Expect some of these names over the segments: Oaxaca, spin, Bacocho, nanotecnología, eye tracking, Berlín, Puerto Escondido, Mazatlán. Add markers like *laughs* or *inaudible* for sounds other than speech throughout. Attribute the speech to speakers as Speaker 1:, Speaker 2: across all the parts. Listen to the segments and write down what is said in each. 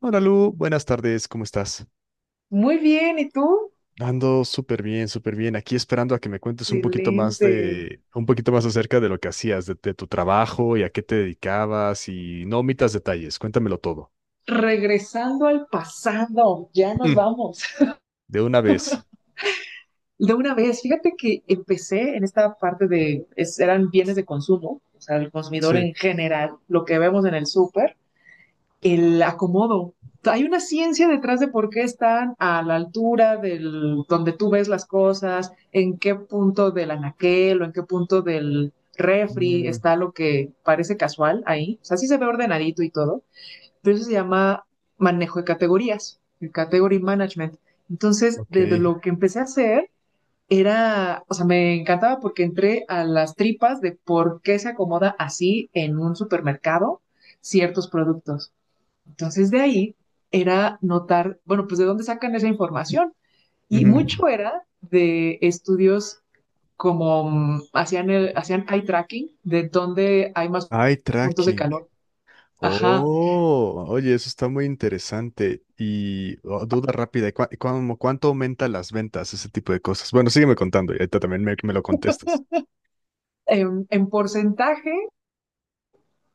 Speaker 1: Hola Lu, buenas tardes, ¿cómo estás?
Speaker 2: Muy bien, ¿y tú?
Speaker 1: Ando súper bien, súper bien. Aquí esperando a que me cuentes un poquito más
Speaker 2: Excelente.
Speaker 1: un poquito más acerca de lo que hacías, de tu trabajo y a qué te dedicabas y no omitas detalles, cuéntamelo todo.
Speaker 2: Regresando al pasado, ya nos
Speaker 1: Mm.
Speaker 2: vamos.
Speaker 1: De una vez.
Speaker 2: *laughs* De una vez, fíjate que empecé en esta parte de, eran bienes de consumo, o sea, el consumidor
Speaker 1: Sí.
Speaker 2: en general, lo que vemos en el súper, el acomodo. Hay una ciencia detrás de por qué están a la altura del, donde tú ves las cosas, en qué punto del anaquel o en qué punto del refri
Speaker 1: Mm,
Speaker 2: está lo que parece casual ahí. O sea, sí se ve ordenadito y todo, pero eso se llama manejo de categorías, el category management. Entonces, desde
Speaker 1: ok.
Speaker 2: lo que empecé a hacer, era, o sea, me encantaba porque entré a las tripas de por qué se acomoda así en un supermercado ciertos productos. Entonces, de ahí era notar, bueno, pues de dónde sacan esa información. Y
Speaker 1: Ujú.
Speaker 2: mucho era de estudios como hacían, el, hacían eye tracking, de dónde hay más
Speaker 1: Eye
Speaker 2: puntos de
Speaker 1: tracking.
Speaker 2: calor. Ajá.
Speaker 1: Oh, oye, eso está muy interesante. Y oh, duda rápida, ¿ cuánto aumenta las ventas, ese tipo de cosas? Bueno, sígueme contando y ahorita también me lo contestas.
Speaker 2: En porcentaje,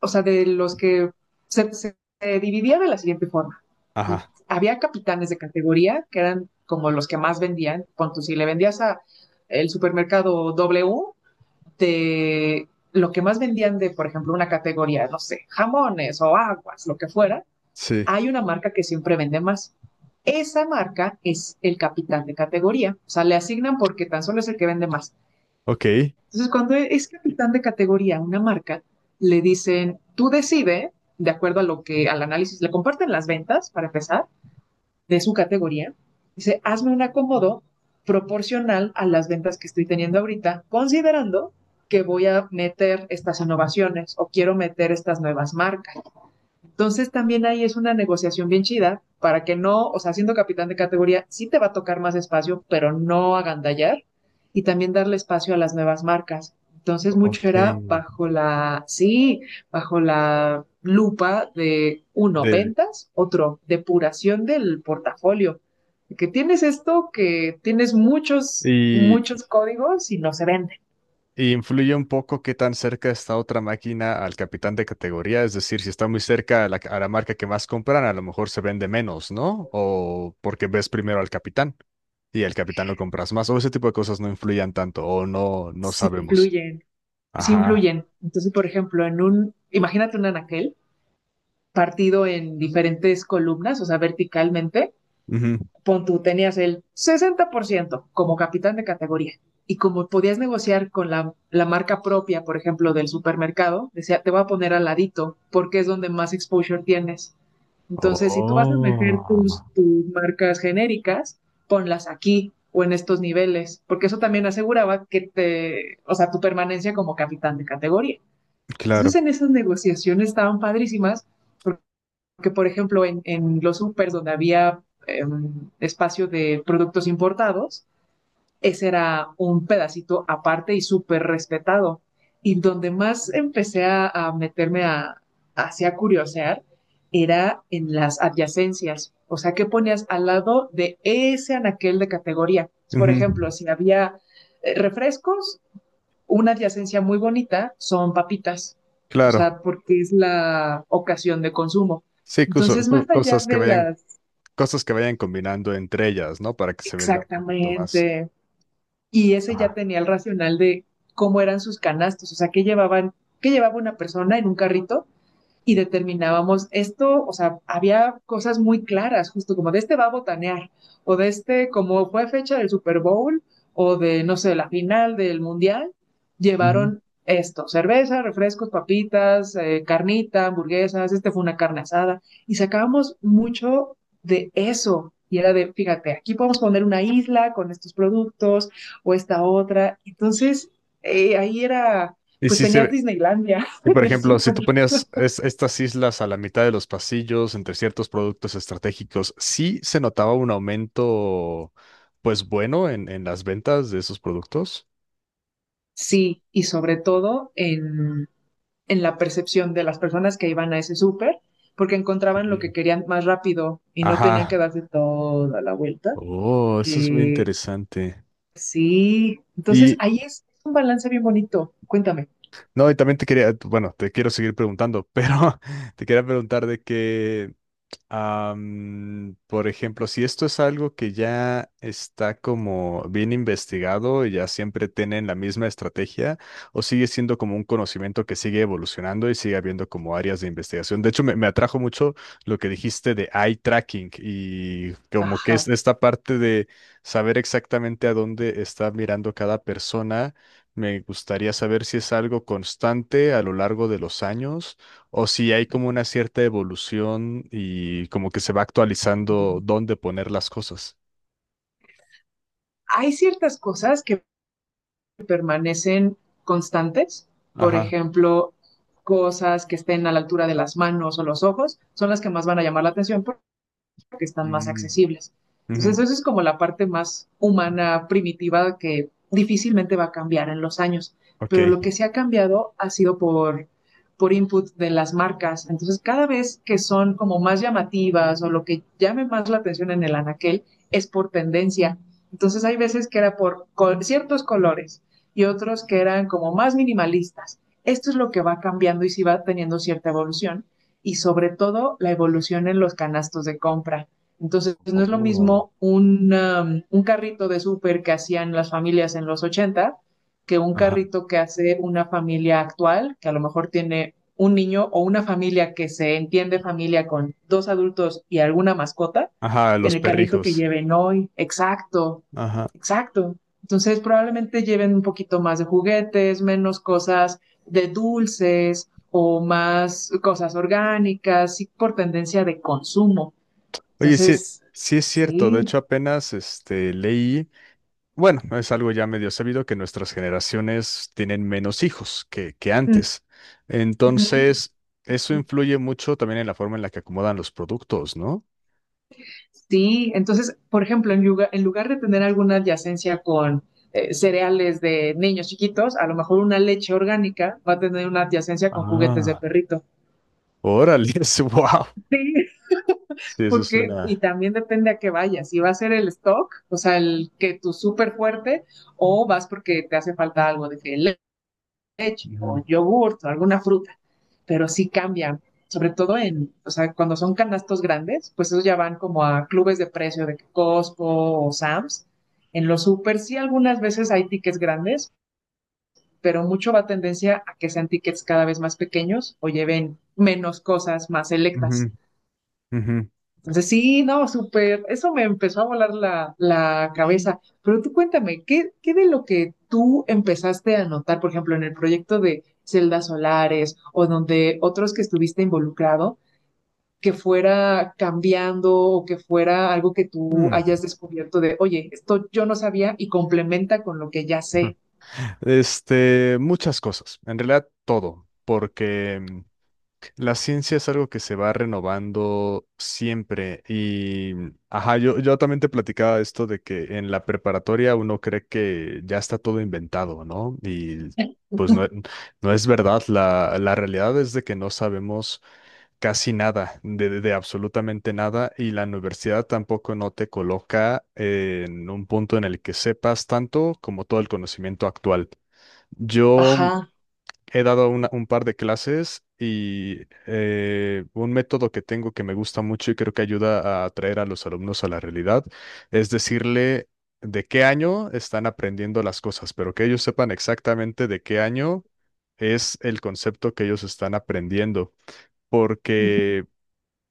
Speaker 2: o sea, de los que se dividía de la siguiente forma.
Speaker 1: Ajá,
Speaker 2: Había capitanes de categoría que eran como los que más vendían. Ponto, si le vendías a el supermercado W, de lo que más vendían de, por ejemplo, una categoría, no sé, jamones o aguas, lo que fuera,
Speaker 1: sí.
Speaker 2: hay una marca que siempre vende más. Esa marca es el capitán de categoría. O sea, le asignan porque tan solo es el que vende más.
Speaker 1: Ok.
Speaker 2: Entonces, cuando es capitán de categoría, una marca, le dicen, tú decide, de acuerdo a lo que, al análisis, le comparten las ventas, para empezar, de su categoría. Dice, hazme un acomodo proporcional a las ventas que estoy teniendo ahorita, considerando que voy a meter estas innovaciones o quiero meter estas nuevas marcas. Entonces también ahí es una negociación bien chida para que no, o sea, siendo capitán de categoría, sí te va a tocar más espacio, pero no agandallar y también darle espacio a las nuevas marcas. Entonces mucho
Speaker 1: Ok.
Speaker 2: era bajo la, sí, bajo la lupa de uno,
Speaker 1: de-
Speaker 2: ventas, otro, depuración del portafolio. Que tienes esto, que tienes muchos,
Speaker 1: y,
Speaker 2: muchos códigos y no se venden,
Speaker 1: y influye un poco qué tan cerca está otra máquina al capitán de categoría, es decir, si está muy cerca a a la marca que más compran, a lo mejor se vende menos, ¿no? O porque ves primero al capitán y al capitán lo compras más, o ese tipo de cosas no influyen tanto, o no, no
Speaker 2: sí
Speaker 1: sabemos.
Speaker 2: influyen, sí
Speaker 1: Ajá.
Speaker 2: influyen. Entonces, por ejemplo, en un, imagínate un anaquel, partido en diferentes columnas, o sea, verticalmente,
Speaker 1: Ujú.
Speaker 2: pon tú tenías el 60% como capitán de categoría. Y como podías negociar con la marca propia, por ejemplo, del supermercado, decía, te voy a poner al ladito porque es donde más exposure tienes. Entonces, si tú vas a meter
Speaker 1: Oh.
Speaker 2: tus marcas genéricas, ponlas aquí o en estos niveles, porque eso también aseguraba que te, o sea, tu permanencia como capitán de categoría.
Speaker 1: Claro,
Speaker 2: Entonces, en esas negociaciones estaban padrísimas, porque, por ejemplo, en los supers donde había eh, espacio de productos importados, ese era un pedacito aparte y súper respetado. Y donde más empecé a meterme a, hacia curiosear era en las adyacencias. O sea, ¿qué ponías al lado de ese anaquel de categoría? Por
Speaker 1: ujú.
Speaker 2: ejemplo, si había refrescos, una adyacencia muy bonita son papitas, o
Speaker 1: Claro,
Speaker 2: sea, porque es la ocasión de consumo.
Speaker 1: sí,
Speaker 2: Entonces, más allá de las,
Speaker 1: cosas que vayan combinando entre ellas, ¿no? Para que se venda un poquito más.
Speaker 2: exactamente, y ese ya
Speaker 1: Ajá.
Speaker 2: tenía el racional de cómo eran sus canastos, o sea, qué llevaban, qué llevaba una persona en un carrito, y determinábamos esto, o sea, había cosas muy claras, justo como de este va a botanear, o de este, como fue fecha del Super Bowl, o de, no sé, la final del Mundial,
Speaker 1: Ujú.
Speaker 2: llevaron esto, cerveza, refrescos, papitas, carnita, hamburguesas, este fue una carne asada, y sacábamos mucho de eso, y era de, fíjate, aquí podemos poner una isla con estos productos, o esta otra, entonces, ahí era,
Speaker 1: Y
Speaker 2: pues
Speaker 1: sí se
Speaker 2: tenías
Speaker 1: ve.
Speaker 2: Disneylandia *laughs*
Speaker 1: Y por
Speaker 2: en el
Speaker 1: ejemplo, si tú
Speaker 2: súper.
Speaker 1: ponías estas islas a la mitad de los pasillos, entre ciertos productos estratégicos, sí se notaba un aumento, pues bueno, en las ventas de esos productos. S-
Speaker 2: Sí, y sobre todo en la percepción de las personas que iban a ese súper, porque encontraban lo
Speaker 1: Ok.
Speaker 2: que querían más rápido y no tenían que
Speaker 1: Ajá.
Speaker 2: darse toda la vuelta.
Speaker 1: Oh, eso es muy
Speaker 2: Que
Speaker 1: interesante.
Speaker 2: sí, entonces
Speaker 1: Y
Speaker 2: ahí es un balance bien bonito. Cuéntame.
Speaker 1: no, y también te quería, bueno, te quiero seguir preguntando, pero *laughs* te quería preguntar de que por ejemplo, si esto es algo que ya está como bien investigado y ya siempre tienen la misma estrategia, o sigue siendo como un conocimiento que sigue evolucionando y sigue habiendo como áreas de investigación. De hecho, me atrajo mucho lo que dijiste de eye tracking y como que
Speaker 2: Ajá.
Speaker 1: es esta parte de saber exactamente a dónde está mirando cada persona. Me gustaría saber si es algo constante a lo largo de los años o si hay como una cierta evolución y como que se va actualizando dónde poner las cosas.
Speaker 2: Hay ciertas cosas que permanecen constantes, por
Speaker 1: Ajá.
Speaker 2: ejemplo, cosas que estén a la altura de las manos o los ojos, son las que más van a llamar la atención, que están más
Speaker 1: Mm.
Speaker 2: accesibles.
Speaker 1: Ujú.
Speaker 2: Entonces, eso es como la parte más humana, primitiva, que difícilmente va a cambiar en los años.
Speaker 1: Ok.
Speaker 2: Pero lo que se ha cambiado ha sido por input de las marcas. Entonces, cada vez que son como más llamativas o lo que llame más la atención en el anaquel es por tendencia. Entonces, hay veces que era por col ciertos colores y otros que eran como más minimalistas. Esto es lo que va cambiando y si sí va teniendo cierta evolución, y sobre todo la evolución en los canastos de compra. Entonces, no es lo
Speaker 1: Oh.
Speaker 2: mismo un, un carrito de súper que hacían las familias en los ochenta, que un
Speaker 1: Ajá.
Speaker 2: carrito que hace una familia actual, que a lo mejor tiene un niño o una familia que se entiende familia con dos adultos y alguna mascota,
Speaker 1: Ajá,
Speaker 2: en
Speaker 1: los
Speaker 2: el carrito que
Speaker 1: perrijos.
Speaker 2: lleven hoy. Exacto,
Speaker 1: Ajá.
Speaker 2: exacto. Entonces, probablemente lleven un poquito más de juguetes, menos cosas de dulces o más cosas orgánicas, sí, por tendencia de consumo.
Speaker 1: Oye, sí,
Speaker 2: Entonces,
Speaker 1: sí es cierto. De
Speaker 2: sí.
Speaker 1: hecho, apenas este leí, bueno, es algo ya medio sabido que nuestras generaciones tienen menos hijos que antes.
Speaker 2: Ujú.
Speaker 1: Entonces, eso influye mucho también en la forma en la que acomodan los productos, ¿no?
Speaker 2: Sí, entonces, por ejemplo, en lugar de tener alguna adyacencia con cereales de niños chiquitos, a lo mejor una leche orgánica va a tener una adyacencia con juguetes de
Speaker 1: Ah.
Speaker 2: perrito.
Speaker 1: Órale, *laughs* wow.
Speaker 2: Sí,
Speaker 1: Sí, eso
Speaker 2: porque, y
Speaker 1: suena.
Speaker 2: también depende a qué vayas, si va a ser el stock, o sea, el que tú súper fuerte, o vas porque te hace falta algo de que leche o yogurt o alguna fruta, pero sí cambian, sobre todo en, o sea, cuando son canastos grandes, pues esos ya van como a clubes de precio de Costco o Sam's. En los super sí algunas veces hay tickets grandes, pero mucho va tendencia a que sean tickets cada vez más pequeños o lleven menos cosas más selectas.
Speaker 1: Ujú, ujú, ujú.
Speaker 2: Entonces, sí, no, súper. Eso me empezó a volar la, la
Speaker 1: Sí.
Speaker 2: cabeza. Pero tú cuéntame, ¿qué, qué de lo que tú empezaste a notar, por ejemplo, en el proyecto de celdas solares o donde otros que estuviste involucrado, que fuera cambiando o que fuera algo que tú
Speaker 1: Mm.
Speaker 2: hayas descubierto de, oye, esto yo no sabía y complementa con lo que ya
Speaker 1: *laughs*
Speaker 2: sé?
Speaker 1: Este, muchas cosas, en realidad todo, porque la ciencia es algo que se va renovando siempre y, ajá, yo también te platicaba esto de que en la preparatoria uno cree que ya está todo inventado, ¿no? Y
Speaker 2: *laughs*
Speaker 1: pues no, no es verdad, la realidad es de que no sabemos casi nada, de absolutamente nada, y la universidad tampoco no te coloca en un punto en el que sepas tanto como todo el conocimiento actual. Yo
Speaker 2: Ajá,
Speaker 1: he dado un par de clases y un método que tengo que me gusta mucho y creo que ayuda a atraer a los alumnos a la realidad es decirle de qué año están aprendiendo las cosas, pero que ellos sepan exactamente de qué año es el concepto que ellos están aprendiendo porque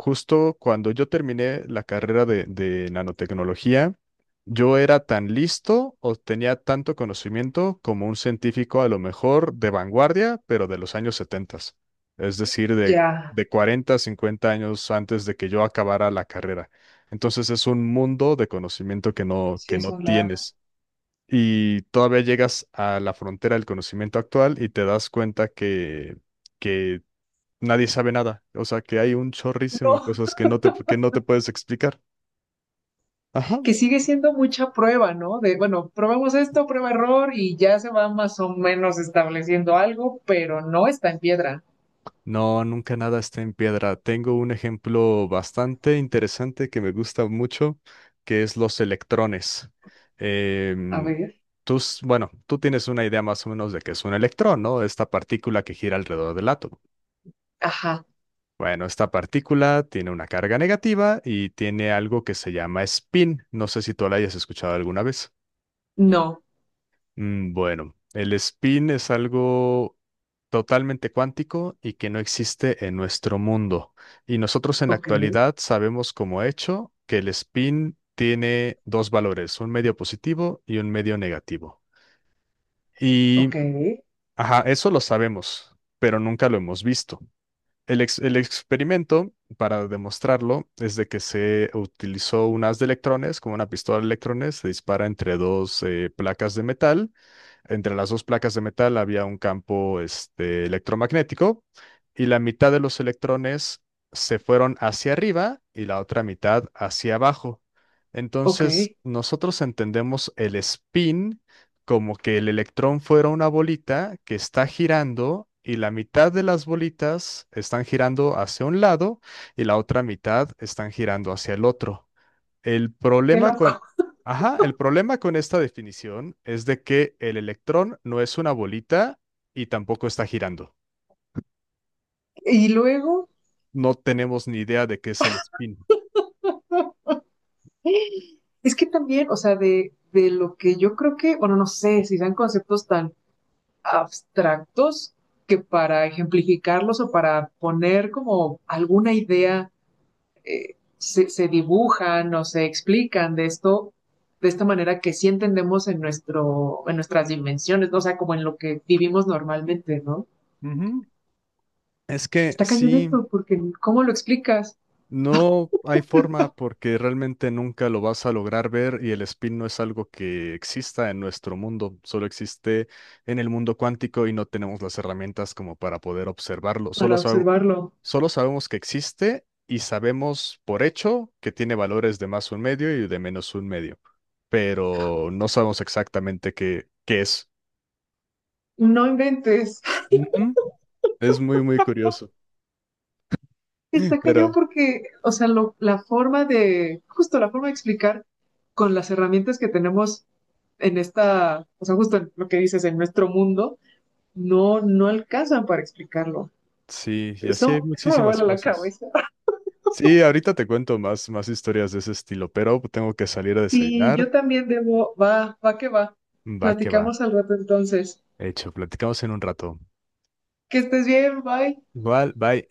Speaker 1: justo cuando yo terminé la carrera de nanotecnología, yo era tan listo o tenía tanto conocimiento como un científico a lo mejor de vanguardia, pero de los años 70, es decir,
Speaker 2: ya.
Speaker 1: de 40, 50 años antes de que yo acabara la carrera. Entonces es un mundo de conocimiento
Speaker 2: Sí,
Speaker 1: que
Speaker 2: es
Speaker 1: no
Speaker 2: un lag.
Speaker 1: tienes. Y todavía llegas a la frontera del conocimiento actual y te das cuenta que nadie sabe nada. O sea, que hay un chorrísimo de
Speaker 2: No,
Speaker 1: cosas que no te puedes explicar. Ajá.
Speaker 2: que sigue siendo mucha prueba, ¿no? De, bueno, probamos esto, prueba error y ya se va más o menos estableciendo algo, pero no está en piedra.
Speaker 1: No, nunca nada está en piedra. Tengo un ejemplo bastante interesante que me gusta mucho, que es los electrones.
Speaker 2: A
Speaker 1: Em,
Speaker 2: ver,
Speaker 1: tú, bueno, tú tienes una idea más o menos de qué es un electrón, ¿no? Esta partícula que gira alrededor del átomo.
Speaker 2: ajá,
Speaker 1: Bueno, esta partícula tiene una carga negativa y tiene algo que se llama spin. No sé si tú la hayas escuchado alguna vez.
Speaker 2: no,
Speaker 1: Mm. Bueno, el spin es algo totalmente cuántico y que no existe en nuestro mundo. Y nosotros en la
Speaker 2: ok,
Speaker 1: actualidad sabemos como hecho que el spin tiene dos valores, un medio positivo y un medio negativo.
Speaker 2: ok,
Speaker 1: Y, ajá, eso lo sabemos, pero nunca lo hemos visto. El experimento, para demostrarlo, es de que se utilizó un haz de electrones, como una pistola de electrones, se dispara entre dos placas de metal. Entre las dos placas de metal había un campo este, electromagnético y la mitad de los electrones se fueron hacia arriba y la otra mitad hacia abajo.
Speaker 2: ok,
Speaker 1: Entonces,
Speaker 2: qué
Speaker 1: nosotros entendemos el spin como que el electrón fuera una bolita que está girando y la mitad de las bolitas están girando hacia un lado y la otra mitad están girando hacia el otro. El problema con,
Speaker 2: loco.
Speaker 1: ajá, el problema con esta definición es de que el electrón no es una bolita y tampoco está girando.
Speaker 2: Y luego,
Speaker 1: No tenemos ni idea de qué es el spin.
Speaker 2: es que también, o sea, de lo que yo creo que, bueno, no sé si sean conceptos tan abstractos que para ejemplificarlos o para poner como alguna idea se dibujan o se explican de esto, de esta manera que sí entendemos en, nuestro, en nuestras dimensiones, ¿no? O sea, como en lo que vivimos normalmente, ¿no?
Speaker 1: Ujú. Es que
Speaker 2: Está cañón
Speaker 1: sí,
Speaker 2: esto, porque ¿cómo lo explicas
Speaker 1: no hay forma porque realmente nunca lo vas a lograr ver y el spin no es algo que exista en nuestro mundo, solo existe en el mundo cuántico y no tenemos las herramientas como para poder observarlo.
Speaker 2: para observarlo?
Speaker 1: Solo sabemos que existe y sabemos por hecho que tiene valores de más un medio y de menos un medio, pero no sabemos exactamente qué, qué es.
Speaker 2: No inventes.
Speaker 1: Ujú. Es muy, muy curioso, *laughs*
Speaker 2: Está cañón
Speaker 1: pero
Speaker 2: porque, o sea, lo, la forma de, justo la forma de explicar con las herramientas que tenemos en esta, o sea, justo en lo que dices, en nuestro mundo, no, no alcanzan para explicarlo.
Speaker 1: sí, y así hay
Speaker 2: Eso me
Speaker 1: muchísimas
Speaker 2: vuela la
Speaker 1: cosas.
Speaker 2: cabeza.
Speaker 1: Sí, ahorita te cuento más, más historias de ese estilo, pero tengo que salir a
Speaker 2: Sí,
Speaker 1: desayunar.
Speaker 2: yo también debo. Va, va que va.
Speaker 1: Va que va.
Speaker 2: Platicamos al rato entonces.
Speaker 1: Hecho, platicamos en un rato.
Speaker 2: Que estés bien, bye.
Speaker 1: Igual, bye.